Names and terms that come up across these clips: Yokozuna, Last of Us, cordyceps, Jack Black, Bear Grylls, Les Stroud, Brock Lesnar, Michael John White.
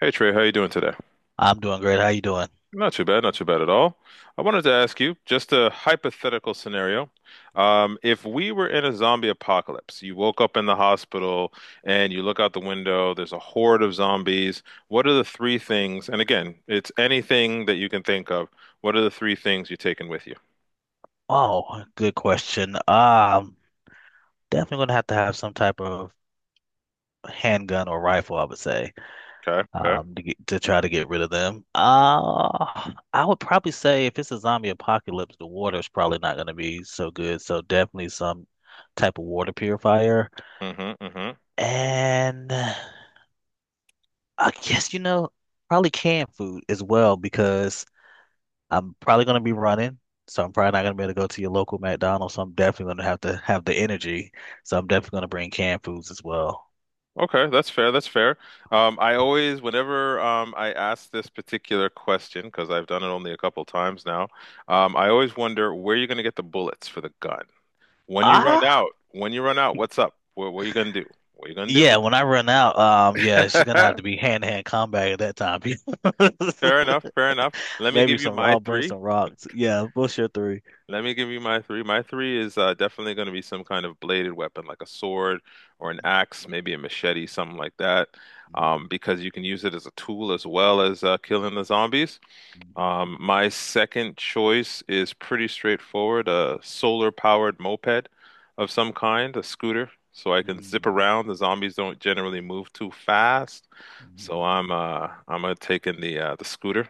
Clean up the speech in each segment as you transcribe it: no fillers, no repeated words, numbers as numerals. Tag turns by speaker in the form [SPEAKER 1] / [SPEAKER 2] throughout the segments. [SPEAKER 1] Hey Trey, how you doing today?
[SPEAKER 2] I'm doing great. How you doing?
[SPEAKER 1] Not too bad, not too bad at all. I wanted to ask you just a hypothetical scenario. If we were in a zombie apocalypse, you woke up in the hospital and you look out the window, there's a horde of zombies. What are the three things? And again, it's anything that you can think of. What are the three things you're taking with you?
[SPEAKER 2] Oh, good question. Definitely gonna have to have some type of handgun or rifle, I would say.
[SPEAKER 1] Okay, okay.
[SPEAKER 2] To try to get rid of them. I would probably say if it's a zombie apocalypse, the water's probably not gonna be so good. So definitely some type of water purifier.
[SPEAKER 1] Mm-hmm, mm-hmm.
[SPEAKER 2] And I guess, you know, probably canned food as well because I'm probably going to be running, so I'm probably not going to be able to go to your local McDonald's. So I'm definitely going to have the energy. So I'm definitely going to bring canned foods as well.
[SPEAKER 1] Okay, that's fair. That's fair. I always, whenever I ask this particular question, because I've done it only a couple times now, I always wonder where you're going to get the bullets for the gun. When you run
[SPEAKER 2] Ah,
[SPEAKER 1] out, when you run out, what's up? What are you going to do? What are you going to
[SPEAKER 2] yeah.
[SPEAKER 1] do?
[SPEAKER 2] When I run out, yeah, she's gonna have to be hand to hand combat at that time.
[SPEAKER 1] Fair enough. Fair enough. Let me
[SPEAKER 2] Maybe
[SPEAKER 1] give you
[SPEAKER 2] some.
[SPEAKER 1] my
[SPEAKER 2] I'll bring
[SPEAKER 1] three.
[SPEAKER 2] some rocks. Yeah, what's your three?
[SPEAKER 1] Let me give you my three. My three is definitely going to be some kind of bladed weapon, like a sword or an axe, maybe a machete, something like that,
[SPEAKER 2] Mhm.
[SPEAKER 1] because you can use it as a tool as well as killing the zombies. My second choice is pretty straightforward, a solar powered moped of some kind, a scooter, so I can zip
[SPEAKER 2] Mhm.
[SPEAKER 1] around. The zombies don't generally move too fast. So
[SPEAKER 2] Mhm.
[SPEAKER 1] I'm taking the scooter.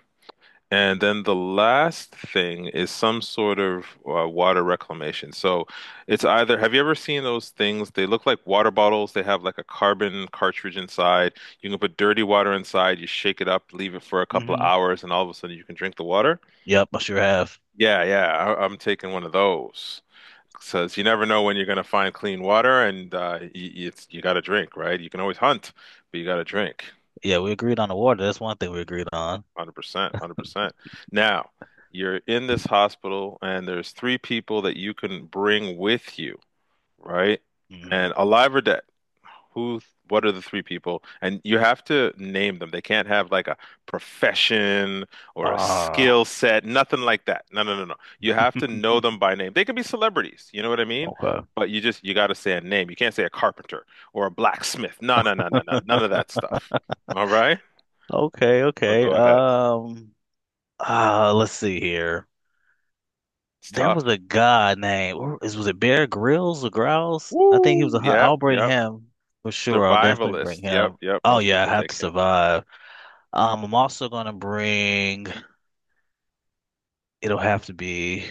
[SPEAKER 1] And
[SPEAKER 2] Mhm.
[SPEAKER 1] then the last thing is some sort of water reclamation. So it's either, have you ever seen those things? They look like water bottles. They have like a carbon cartridge inside. You can put dirty water inside, you shake it up, leave it for a couple of
[SPEAKER 2] Mhm.
[SPEAKER 1] hours, and all of a sudden you can drink the water.
[SPEAKER 2] Yep, I sure have.
[SPEAKER 1] Yeah, yeah, I'm taking one of those. Says you never know when you're gonna find clean water, and it's you got to drink, right? You can always hunt, but you got to drink.
[SPEAKER 2] Yeah, we agreed on the water. That's one thing we agreed on.
[SPEAKER 1] 100%, 100%. Now, you're in this hospital and there's three people that you can bring with you, right?
[SPEAKER 2] Mm.
[SPEAKER 1] And alive or dead. Who, what are the three people? And you have to name them. They can't have like a profession or a
[SPEAKER 2] Ah,
[SPEAKER 1] skill set, nothing like that. No, no, no, no. You have to know them by name. They can be celebrities, you know what I mean?
[SPEAKER 2] okay,
[SPEAKER 1] But you just, you got to say a name. You can't say a carpenter or a blacksmith. No, no, no, no, no. None of that stuff. All right?
[SPEAKER 2] okay,
[SPEAKER 1] So
[SPEAKER 2] okay.
[SPEAKER 1] go ahead.
[SPEAKER 2] Let's see here.
[SPEAKER 1] It's
[SPEAKER 2] There was
[SPEAKER 1] tough.
[SPEAKER 2] a guy named where- is was it Bear Grylls or Grylls? I think he was
[SPEAKER 1] Woo!
[SPEAKER 2] a hunt.
[SPEAKER 1] Yep,
[SPEAKER 2] I'll bring
[SPEAKER 1] yep.
[SPEAKER 2] him for sure. I'll definitely bring
[SPEAKER 1] Survivalist. Yep,
[SPEAKER 2] him.
[SPEAKER 1] yep.
[SPEAKER 2] Oh
[SPEAKER 1] Most
[SPEAKER 2] yeah, I
[SPEAKER 1] people
[SPEAKER 2] have to
[SPEAKER 1] take him.
[SPEAKER 2] survive. I'm also gonna bring. It'll have to be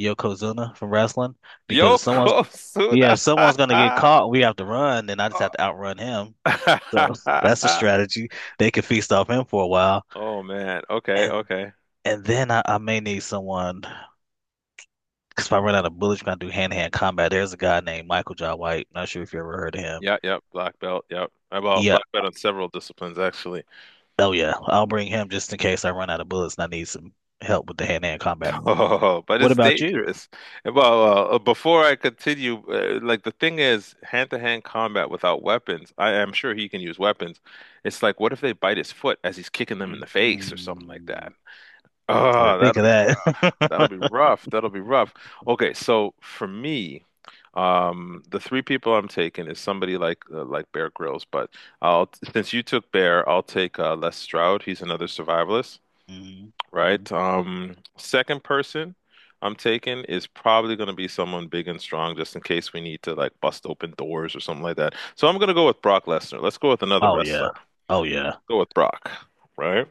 [SPEAKER 2] Yokozuna from wrestling because if someone's
[SPEAKER 1] Yokozuna.
[SPEAKER 2] yeah, if someone's gonna get caught, we have to run. Then I just have to outrun him. So that's a strategy. They can feast off him for a while,
[SPEAKER 1] Oh man. Okay,
[SPEAKER 2] and
[SPEAKER 1] okay.
[SPEAKER 2] and then I may need someone. Because if I run out of bullets, you're going to do hand-to-hand combat. There's a guy named Michael John White. Not sure if you ever heard of him.
[SPEAKER 1] Yeah, yep. Black belt. Yep. Well,
[SPEAKER 2] Yeah.
[SPEAKER 1] black belt on several disciplines actually.
[SPEAKER 2] Oh, yeah. I'll bring him just in case I run out of bullets and I need some help with the hand-to-hand combat.
[SPEAKER 1] Oh, but
[SPEAKER 2] What
[SPEAKER 1] it's
[SPEAKER 2] about you?
[SPEAKER 1] dangerous. Well, before I continue, like the thing is, hand-to-hand combat without weapons. I am sure he can use weapons. It's like, what if they bite his foot as he's kicking them in the face or something like
[SPEAKER 2] Mm-hmm.
[SPEAKER 1] that?
[SPEAKER 2] I
[SPEAKER 1] Oh,
[SPEAKER 2] didn't
[SPEAKER 1] that.
[SPEAKER 2] think of
[SPEAKER 1] That'll
[SPEAKER 2] that.
[SPEAKER 1] be rough. That'll be rough. Okay, so for me, the three people I'm taking is somebody like Bear Grylls, but I'll since you took Bear, I'll take Les Stroud. He's another survivalist,
[SPEAKER 2] Mhm, mhm.
[SPEAKER 1] right? Second person I'm taking is probably going to be someone big and strong, just in case we need to like bust open doors or something like that. So I'm going to go with Brock Lesnar. Let's go with another
[SPEAKER 2] Oh, yeah.
[SPEAKER 1] wrestler.
[SPEAKER 2] Oh, yeah.
[SPEAKER 1] Go with Brock, right?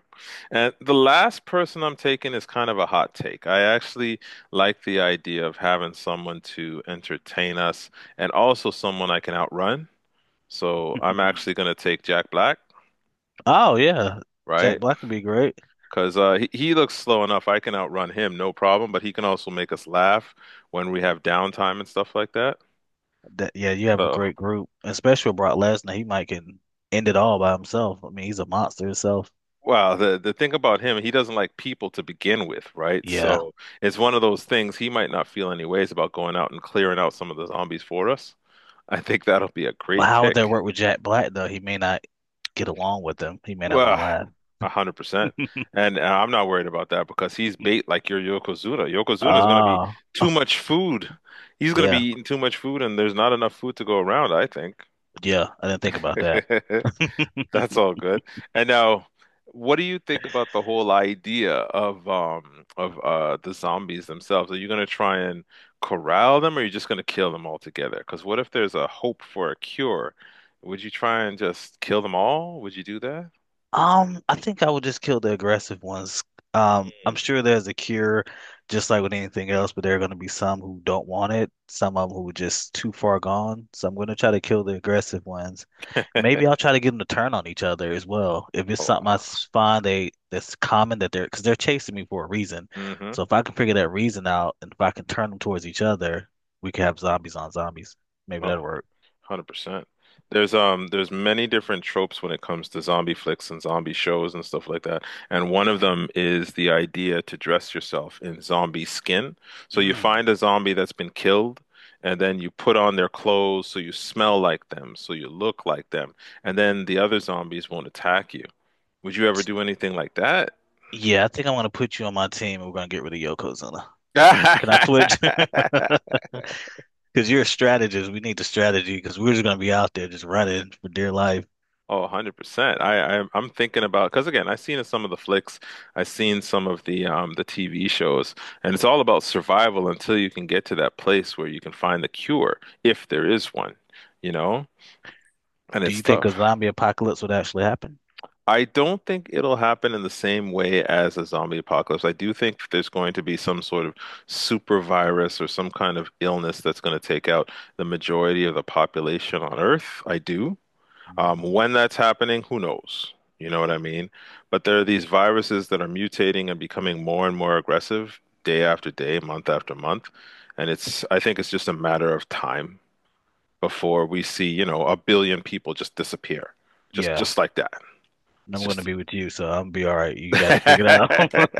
[SPEAKER 1] And the last person I'm taking is kind of a hot take. I actually like the idea of having someone to entertain us and also someone I can outrun. So I'm actually going to take Jack Black,
[SPEAKER 2] Oh, yeah. Jack
[SPEAKER 1] right?
[SPEAKER 2] Black would be great.
[SPEAKER 1] Because he looks slow enough. I can outrun him, no problem, but he can also make us laugh when we have downtime and stuff like that.
[SPEAKER 2] That, yeah, you have a
[SPEAKER 1] So
[SPEAKER 2] great group, especially with Brock Lesnar. He might can end it all by himself. I mean, he's a monster himself.
[SPEAKER 1] well, the thing about him, he doesn't like people to begin with, right?
[SPEAKER 2] Yeah.
[SPEAKER 1] So it's one of those things he might not feel any ways about going out and clearing out some of the zombies for us. I think that'll be a
[SPEAKER 2] But
[SPEAKER 1] great
[SPEAKER 2] how would
[SPEAKER 1] pick.
[SPEAKER 2] that work with Jack Black, though? He may not get along with them. He may not want
[SPEAKER 1] Well,
[SPEAKER 2] to
[SPEAKER 1] a hundred
[SPEAKER 2] laugh.
[SPEAKER 1] percent. And I'm not worried about that because he's bait like your Yokozuna. Yokozuna is going to be
[SPEAKER 2] Ah,
[SPEAKER 1] too much food. He's going to be
[SPEAKER 2] yeah,
[SPEAKER 1] eating too much food, and there's not enough food to go around, I think.
[SPEAKER 2] yeah. I didn't think about that.
[SPEAKER 1] That's all good. And now, what do you think about the whole idea of the zombies themselves? Are you gonna try and corral them, or are you just gonna kill them altogether? Because what if there's a hope for a cure? Would you try and just kill them all? Would you do that?
[SPEAKER 2] I think I would just kill the aggressive ones. I'm
[SPEAKER 1] Mm.
[SPEAKER 2] sure there's a cure, just like with anything else, but there are going to be some who don't want it, some of them who are just too far gone. So I'm going to try to kill the aggressive ones. Maybe I'll try to get them to turn on each other as well. If it's
[SPEAKER 1] Oh,
[SPEAKER 2] something
[SPEAKER 1] wow.
[SPEAKER 2] find they that's common that they're because they're chasing me for a reason.
[SPEAKER 1] Mm-hmm.
[SPEAKER 2] So if I can figure that reason out and if I can turn them towards each other, we could have zombies on zombies. Maybe
[SPEAKER 1] Oh,
[SPEAKER 2] that'll work.
[SPEAKER 1] 100%. There's many different tropes when it comes to zombie flicks and zombie shows and stuff like that. And one of them is the idea to dress yourself in zombie skin. So you
[SPEAKER 2] Mm.
[SPEAKER 1] find a zombie that's been killed and then you put on their clothes so you smell like them, so you look like them, and then the other zombies won't attack you. Would you ever do anything like
[SPEAKER 2] Yeah, I think I'm going to put you on my team and we're going to get rid of Yokozuna.
[SPEAKER 1] that?
[SPEAKER 2] Can I switch? Because you're a strategist. We need the strategy because we're just going to be out there just running for dear life.
[SPEAKER 1] Oh, 100%. I'm thinking about because again, I've seen some of the flicks, I've seen some of the TV shows, and it's all about survival until you can get to that place where you can find the cure, if there is one, you know? And
[SPEAKER 2] Do
[SPEAKER 1] it's
[SPEAKER 2] you think
[SPEAKER 1] tough.
[SPEAKER 2] a zombie apocalypse would actually happen?
[SPEAKER 1] I don't think it'll happen in the same way as a zombie apocalypse. I do think there's going to be some sort of super virus or some kind of illness that's going to take out the majority of the population on Earth. I do. When that's happening, who knows? You know what I mean? But there are these viruses that are mutating and becoming more and more aggressive day after day, month after month. And it's, I think it's just a matter of time before we see, you know, a billion people just disappear.
[SPEAKER 2] Yeah,
[SPEAKER 1] Just like that.
[SPEAKER 2] and
[SPEAKER 1] It's
[SPEAKER 2] I'm going to
[SPEAKER 1] just
[SPEAKER 2] be with you, so I'm be all right. You got it figured out.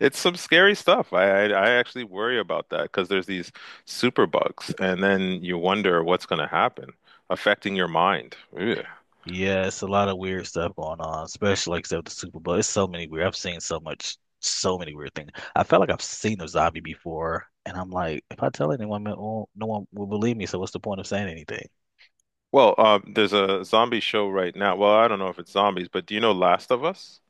[SPEAKER 1] it's some scary stuff. I actually worry about that because there's these super bugs, and then you wonder what's going to happen affecting your mind. Ugh.
[SPEAKER 2] Yeah, it's a lot of weird stuff going on, especially like except the Super Bowl. It's so many weird. I've seen so much, so many weird things. I felt like I've seen a zombie before, and I'm like, if I tell anyone, man, well, no one will believe me. So what's the point of saying anything?
[SPEAKER 1] Well, there's a zombie show right now. Well, I don't know if it's zombies, but do you know Last of Us?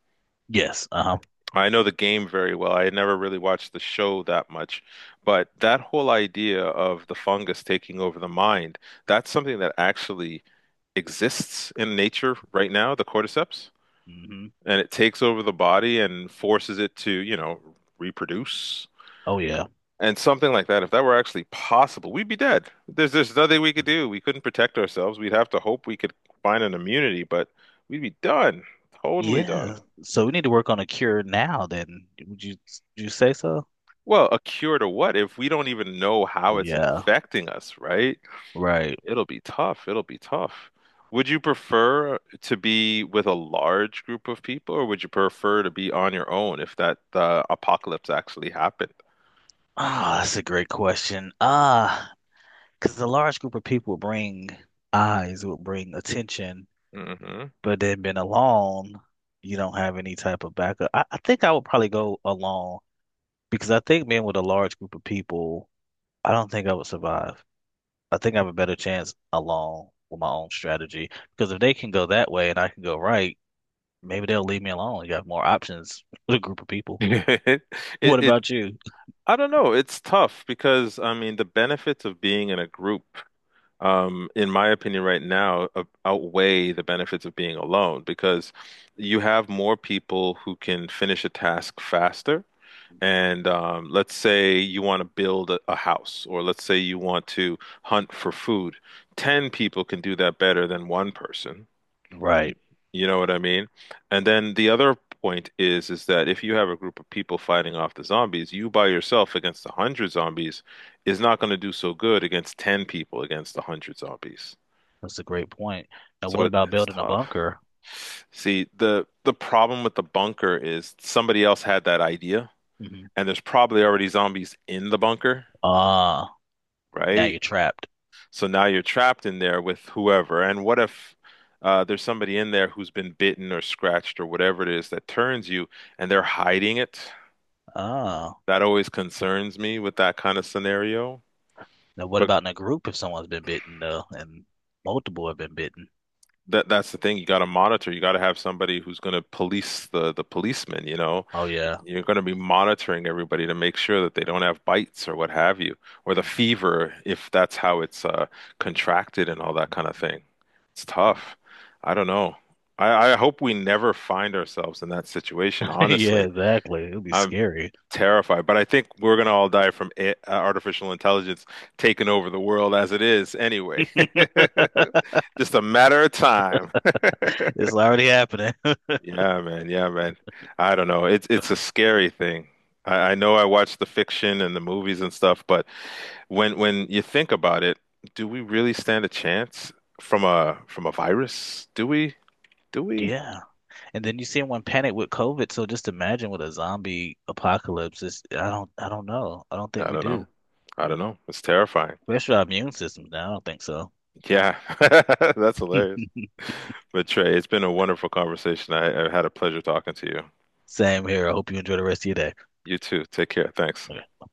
[SPEAKER 2] Yes. Uh-huh.
[SPEAKER 1] I know the game very well. I had never really watched the show that much, but that whole idea of the fungus taking over the mind, that's something that actually exists in nature right now, the cordyceps,
[SPEAKER 2] Hmm.
[SPEAKER 1] and it takes over the body and forces it to, you know, reproduce.
[SPEAKER 2] Oh yeah.
[SPEAKER 1] And something like that, if that were actually possible, we'd be dead. There's nothing we could do. We couldn't protect ourselves. We'd have to hope we could find an immunity, but we'd be done. Totally done.
[SPEAKER 2] Yeah. So we need to work on a cure now then. Would you say so?
[SPEAKER 1] Well, a cure to what if we don't even know how
[SPEAKER 2] Well,
[SPEAKER 1] it's
[SPEAKER 2] yeah,
[SPEAKER 1] infecting us, right?
[SPEAKER 2] right.
[SPEAKER 1] It'll be tough. It'll be tough. Would you prefer to be with a large group of people, or would you prefer to be on your own if that apocalypse actually happened?
[SPEAKER 2] Ah, that's a great question. Ah, because a large group of people would bring eyes, would bring attention,
[SPEAKER 1] Hmm.
[SPEAKER 2] but then being alone, you don't have any type of backup. I think I would probably go alone because I think being with a large group of people, I don't think I would survive. I think I have a better chance alone with my own strategy because if they can go that way and I can go right, maybe they'll leave me alone. You have more options with a group of people.
[SPEAKER 1] It,
[SPEAKER 2] What
[SPEAKER 1] it
[SPEAKER 2] about you?
[SPEAKER 1] I don't know. It's tough because I mean the benefits of being in a group, in my opinion, right now, outweigh the benefits of being alone because you have more people who can finish a task faster. And let's say you want to build a house, or let's say you want to hunt for food. 10 people can do that better than one person. Y-
[SPEAKER 2] Right.
[SPEAKER 1] You know what I mean? And then the other point is that if you have a group of people fighting off the zombies, you by yourself against 100 zombies is not going to do so good against 10 people against 100 zombies.
[SPEAKER 2] That's a great point. Now,
[SPEAKER 1] So
[SPEAKER 2] what
[SPEAKER 1] it,
[SPEAKER 2] about
[SPEAKER 1] it's
[SPEAKER 2] building a
[SPEAKER 1] tough.
[SPEAKER 2] bunker?
[SPEAKER 1] See, the problem with the bunker is somebody else had that idea,
[SPEAKER 2] Mhm.
[SPEAKER 1] and there's probably already zombies in the bunker,
[SPEAKER 2] Ah, now
[SPEAKER 1] right?
[SPEAKER 2] you're trapped.
[SPEAKER 1] So now you're trapped in there with whoever. And what if there's somebody in there who's been bitten or scratched or whatever it is that turns you and they're hiding it?
[SPEAKER 2] Ah,
[SPEAKER 1] That always concerns me with that kind of scenario.
[SPEAKER 2] now what about in a group if someone's been bitten, though, and multiple have been bitten?
[SPEAKER 1] That's the thing. You got to monitor. You got to have somebody who's going to police the policemen, you know.
[SPEAKER 2] Oh, yeah.
[SPEAKER 1] You're going to be monitoring everybody to make sure that they don't have bites or what have you, or the fever if that's how it's contracted and all that kind of thing. It's tough. I don't know. I hope we never find ourselves in that situation,
[SPEAKER 2] Yeah,
[SPEAKER 1] honestly.
[SPEAKER 2] exactly. It'll be
[SPEAKER 1] I'm
[SPEAKER 2] scary.
[SPEAKER 1] terrified, but I think we're going to all die from a artificial intelligence taking over the world as it is anyway. Just a matter of time.
[SPEAKER 2] It's already happening.
[SPEAKER 1] Yeah, man. Yeah, man. I don't know. It's a scary thing. I know I watch the fiction and the movies and stuff, but when you think about it, do we really stand a chance from a virus? Do we? Do we?
[SPEAKER 2] Yeah. And then you see everyone panic with COVID. So just imagine with a zombie apocalypse. It's, I don't know. I don't think
[SPEAKER 1] I
[SPEAKER 2] we
[SPEAKER 1] don't
[SPEAKER 2] do.
[SPEAKER 1] know. I don't know. It's terrifying.
[SPEAKER 2] Rest of our immune systems now. I don't think so.
[SPEAKER 1] Yeah. That's hilarious. But Trey, it's been a wonderful conversation. I had a pleasure talking to you.
[SPEAKER 2] Same here. I hope you enjoy the rest of your
[SPEAKER 1] You too. Take care. Thanks.
[SPEAKER 2] day.